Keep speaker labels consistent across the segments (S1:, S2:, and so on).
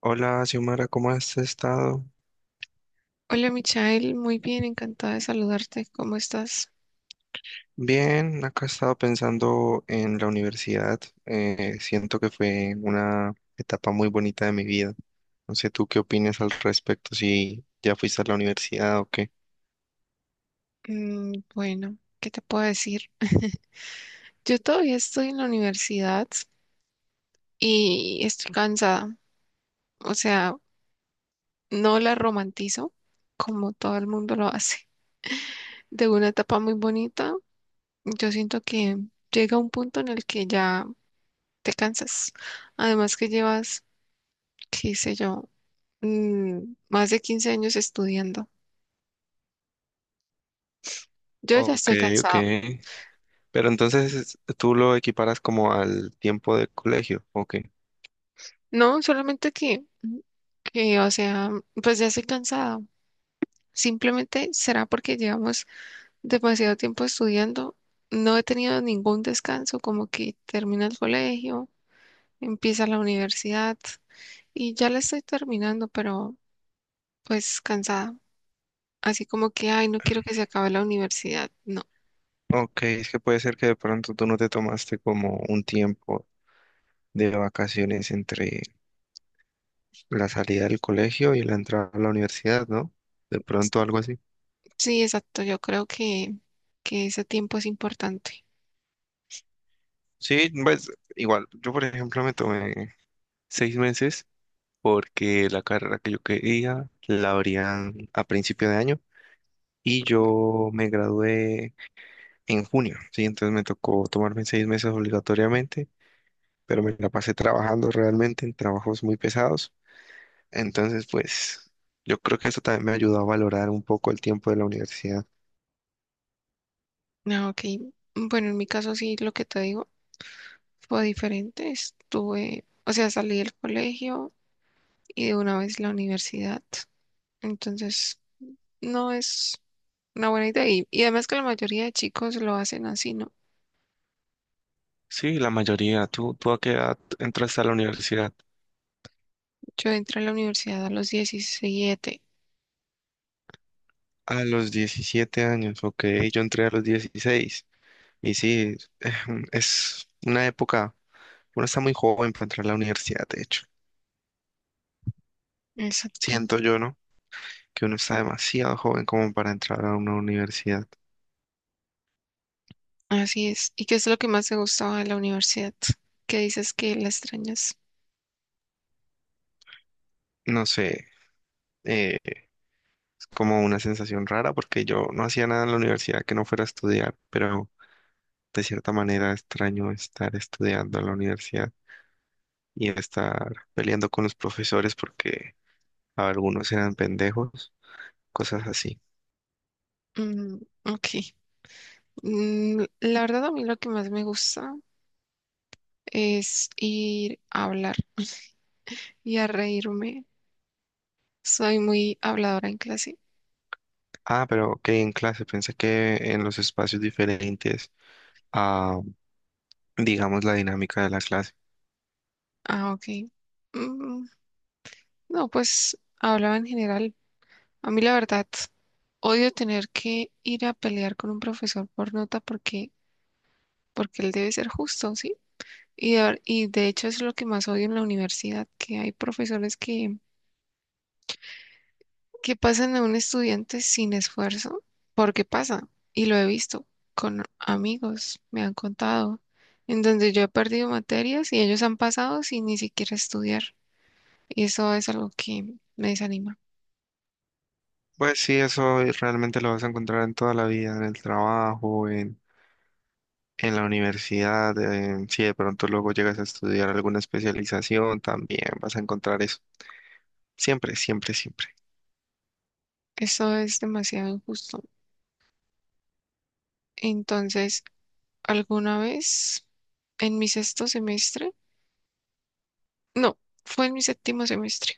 S1: Hola, Xiomara, ¿cómo has estado?
S2: Hola, Michael, muy bien, encantada de saludarte. ¿Cómo estás?
S1: Bien, acá he estado pensando en la universidad. Siento que fue una etapa muy bonita de mi vida. No sé, ¿tú qué opinas al respecto? Si ya fuiste a la universidad o qué.
S2: Mm, bueno, ¿qué te puedo decir? Yo todavía estoy en la universidad y estoy cansada. O sea, no la romantizo como todo el mundo lo hace. De una etapa muy bonita, yo siento que llega un punto en el que ya te cansas. Además que llevas, qué sé yo, más de 15 años estudiando. Yo ya
S1: Ok,
S2: estoy
S1: ok.
S2: cansada.
S1: Pero entonces tú lo equiparas como al tiempo de colegio, ok.
S2: No, solamente que, y, o sea, pues ya estoy cansada. Simplemente será porque llevamos demasiado tiempo estudiando. No he tenido ningún descanso, como que termina el colegio, empieza la universidad y ya la estoy terminando, pero pues cansada. Así como que, ay, no quiero que se acabe la universidad. No,
S1: Ok, es que puede ser que de pronto tú no te tomaste como un tiempo de vacaciones entre la salida del colegio y la entrada a la universidad, ¿no? De pronto algo así.
S2: sí, exacto. Yo creo que ese tiempo es importante.
S1: Sí, pues igual, yo por ejemplo me tomé 6 meses porque la carrera que yo quería la abrían a principio de año y yo me gradué en junio, sí, entonces me tocó tomarme 6 meses obligatoriamente, pero me la pasé trabajando realmente en trabajos muy pesados, entonces pues yo creo que eso también me ayudó a valorar un poco el tiempo de la universidad.
S2: Ah, ok. Bueno, en mi caso sí, lo que te digo fue diferente. Estuve, o sea, salí del colegio y de una vez la universidad. Entonces, no es una buena idea. Y además que la mayoría de chicos lo hacen así, ¿no?
S1: Sí, la mayoría. ¿Tú a qué edad entraste a la universidad?
S2: Yo entré a la universidad a los 17.
S1: A los 17 años, ok, yo entré a los 16. Y sí, es una época, uno está muy joven para entrar a la universidad, de hecho.
S2: Exacto.
S1: Siento yo, ¿no? Que uno está demasiado joven como para entrar a una universidad.
S2: Así es. ¿Y qué es lo que más te gustaba de la universidad? ¿Qué dices que la extrañas?
S1: No sé, eh, es como una sensación rara porque yo no hacía nada en la universidad que no fuera a estudiar, pero de cierta manera extraño estar estudiando en la universidad y estar peleando con los profesores porque algunos eran pendejos, cosas así.
S2: Mm, ok. La verdad, a mí lo que más me gusta es ir a hablar y a reírme. Soy muy habladora en clase.
S1: Ah, pero ok, en clase, pensé que en los espacios diferentes a, digamos, la dinámica de la clase.
S2: Ah, ok. Mm, no, pues hablaba en general. A mí la verdad, odio tener que ir a pelear con un profesor por nota, porque él debe ser justo, ¿sí? Y de hecho es lo que más odio en la universidad, que hay profesores que pasan a un estudiante sin esfuerzo, porque pasa, y lo he visto con amigos, me han contado, en donde yo he perdido materias y ellos han pasado sin ni siquiera estudiar. Y eso es algo que me desanima.
S1: Pues sí, realmente lo vas a encontrar en toda la vida, en el trabajo, en la universidad, si de pronto luego llegas a estudiar alguna especialización, también vas a encontrar eso. Siempre, siempre, siempre.
S2: Eso es demasiado injusto. Entonces, alguna vez en mi sexto semestre, no, fue en mi séptimo semestre.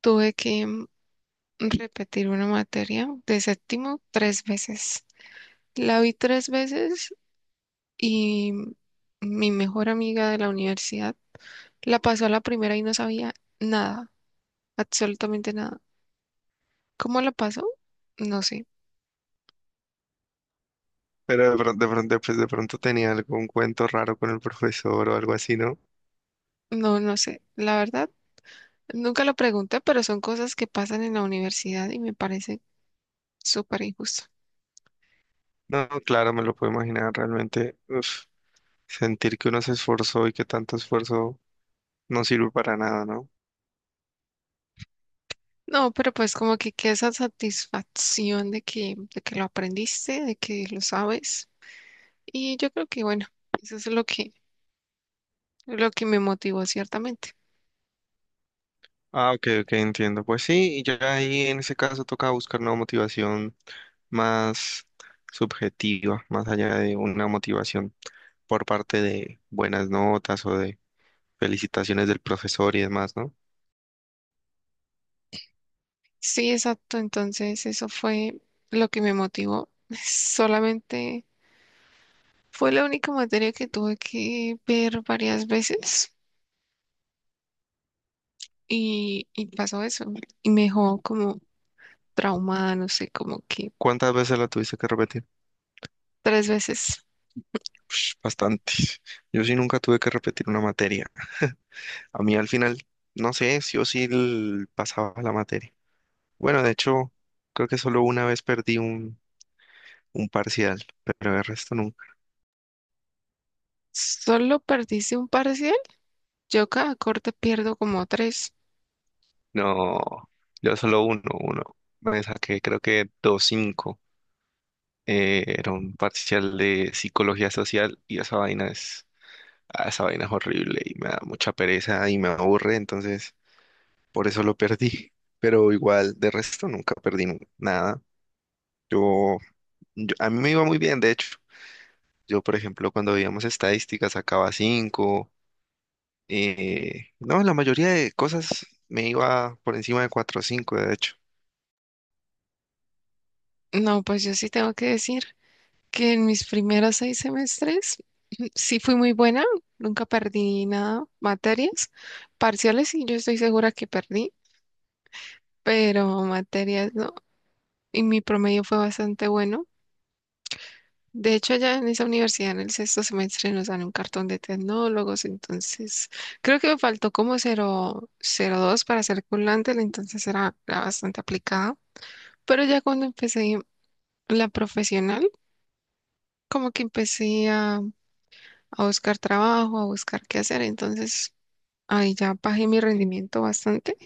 S2: Tuve que repetir una materia de séptimo tres veces. La vi tres veces y mi mejor amiga de la universidad la pasó a la primera y no sabía nada, absolutamente nada. ¿Cómo la pasó? No sé,
S1: Pero pues de pronto tenía algún cuento raro con el profesor o algo así, ¿no?
S2: no, no sé. La verdad, nunca lo pregunté, pero son cosas que pasan en la universidad y me parece súper injusto.
S1: No, claro, me lo puedo imaginar realmente. Uf. Sentir que uno se esforzó y que tanto esfuerzo no sirve para nada, ¿no?
S2: No, pero pues como que queda esa satisfacción de que lo aprendiste, de que lo sabes. Y yo creo que bueno, eso es lo que me motivó ciertamente.
S1: Ah, ok, ok, entiendo. Pues sí, y ya ahí en ese caso toca buscar una motivación más subjetiva, más allá de una motivación por parte de buenas notas o de felicitaciones del profesor y demás, ¿no?
S2: Sí, exacto. Entonces eso fue lo que me motivó. Solamente fue la única materia que tuve que ver varias veces y pasó eso. Y me dejó como traumada, no sé, como que
S1: ¿Cuántas veces la tuviste que repetir?
S2: tres veces.
S1: Ush, bastantes. Yo sí nunca tuve que repetir una materia. A mí al final, no sé, sí o sí pasaba la materia. Bueno, de hecho, creo que solo una vez perdí un parcial, pero el resto no.
S2: Solo perdiste un parcial. Yo cada corte pierdo como tres.
S1: No, yo solo uno, uno. Me saqué creo que dos cinco. Era un parcial de psicología social y esa vaina es horrible y me da mucha pereza y me aburre, entonces por eso lo perdí. Pero igual, de resto nunca perdí nada. Yo, a mí me iba muy bien, de hecho. Yo, por ejemplo, cuando veíamos estadísticas sacaba cinco. No, la mayoría de cosas me iba por encima de 4 o 5, de hecho.
S2: No, pues yo sí tengo que decir que en mis primeros seis semestres sí fui muy buena, nunca perdí nada, materias, parciales sí, yo estoy segura que perdí, pero materias no, y mi promedio fue bastante bueno. De hecho, ya en esa universidad, en el sexto semestre, nos dan un cartón de tecnólogos, entonces creo que me faltó como cero cero dos para ser culante, entonces era bastante aplicada. Pero ya cuando empecé la profesional, como que empecé a buscar trabajo, a buscar qué hacer. Entonces, ahí ya bajé mi rendimiento bastante.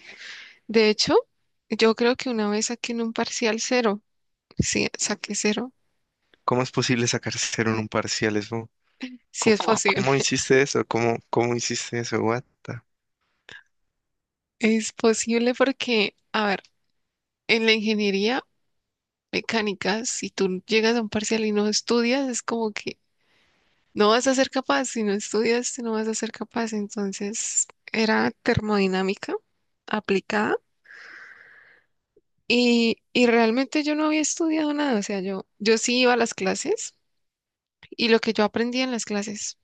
S2: De hecho, yo creo que una vez saqué en un parcial cero, sí, saqué cero,
S1: ¿Cómo es posible sacar cero en un parcial?
S2: sí es posible.
S1: ¿Cómo hiciste eso? ¿Cómo hiciste eso? What the-
S2: Es posible porque, a ver, en la ingeniería mecánica, si tú llegas a un parcial y no estudias, es como que no vas a ser capaz. Si no estudias, no vas a ser capaz. Entonces, era termodinámica aplicada. Y realmente yo no había estudiado nada, o sea, yo sí iba a las clases y lo que yo aprendía en las clases,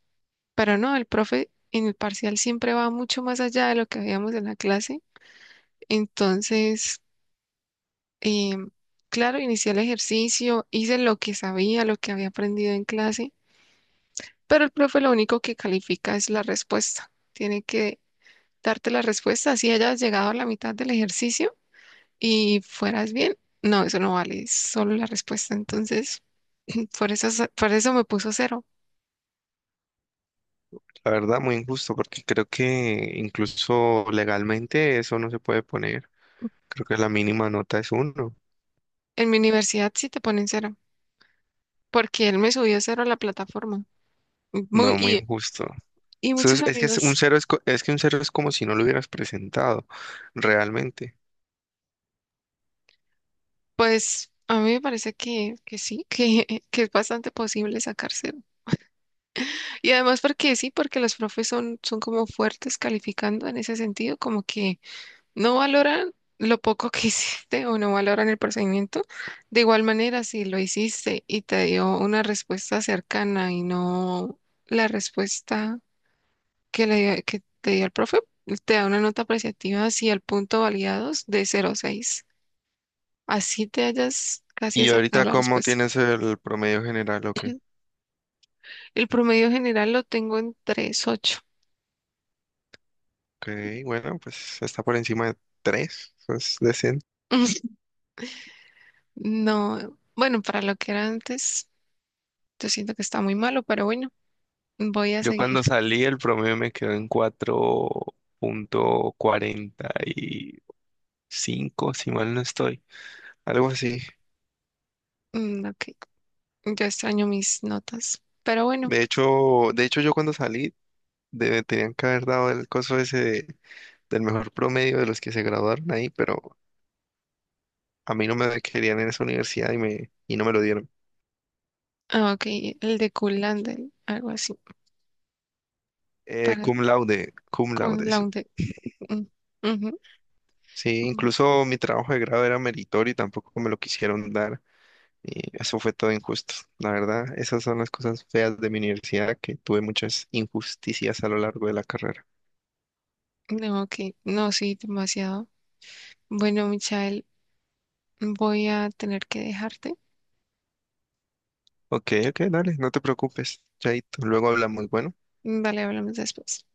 S2: pero no, el profe en el parcial siempre va mucho más allá de lo que veíamos en la clase. Entonces, em, claro, inicié el ejercicio, hice lo que sabía, lo que había aprendido en clase, pero el profe lo único que califica es la respuesta. Tiene que darte la respuesta, así hayas llegado a la mitad del ejercicio y fueras bien. No, eso no vale, es solo la respuesta. Entonces, por eso, por eso me puso cero.
S1: La verdad, muy injusto, porque creo que incluso legalmente eso no se puede poner. Creo que la mínima nota es uno.
S2: En mi universidad sí te ponen cero, porque él me subió cero a la plataforma. Muy-
S1: No, muy
S2: y,
S1: injusto.
S2: y muchos
S1: Es que es un
S2: amigos,
S1: cero es, co- es que un cero es como si no lo hubieras presentado, realmente.
S2: pues a mí me parece que sí, que es bastante posible sacar cero. Y además porque sí, porque los profes son como fuertes calificando en ese sentido, como que no valoran lo poco que hiciste o no valoran el procedimiento. De igual manera, si lo hiciste y te dio una respuesta cercana y no la respuesta que te dio el profe, te da una nota apreciativa si el punto validados de cero a seis, así te hayas casi
S1: Y
S2: acercado a
S1: ahorita,
S2: la
S1: ¿cómo
S2: respuesta.
S1: tienes el promedio general? Ok,
S2: El promedio general lo tengo en 3,8.
S1: ok, bueno, pues está por encima de tres. Eso es decente.
S2: No, bueno, para lo que era antes, yo siento que está muy malo, pero bueno, voy a
S1: Yo
S2: seguir.
S1: cuando salí el promedio me quedó en 4.45, si mal no estoy, algo así.
S2: Mm, ok, yo extraño mis notas, pero bueno,
S1: De hecho, yo cuando salí tenían que haber dado el coso ese del mejor promedio de los que se graduaron ahí, pero a mí no me querían en esa universidad y no me lo dieron.
S2: ah, ok, el de Kulandel, algo así, para
S1: Cum laude, cum
S2: con
S1: laude,
S2: la
S1: sí.
S2: unde. Mm, ujú,
S1: Sí,
S2: mm.
S1: incluso mi trabajo de grado era meritorio y tampoco me lo quisieron dar. Y eso fue todo injusto. La verdad, esas son las cosas feas de mi universidad, que tuve muchas injusticias a lo largo de la carrera.
S2: No, ok, no, sí, demasiado. Bueno, Michael, voy a tener que dejarte.
S1: Ok, ok, dale, no te preocupes, Chaito. Luego hablamos, bueno.
S2: Vale, hablamos después.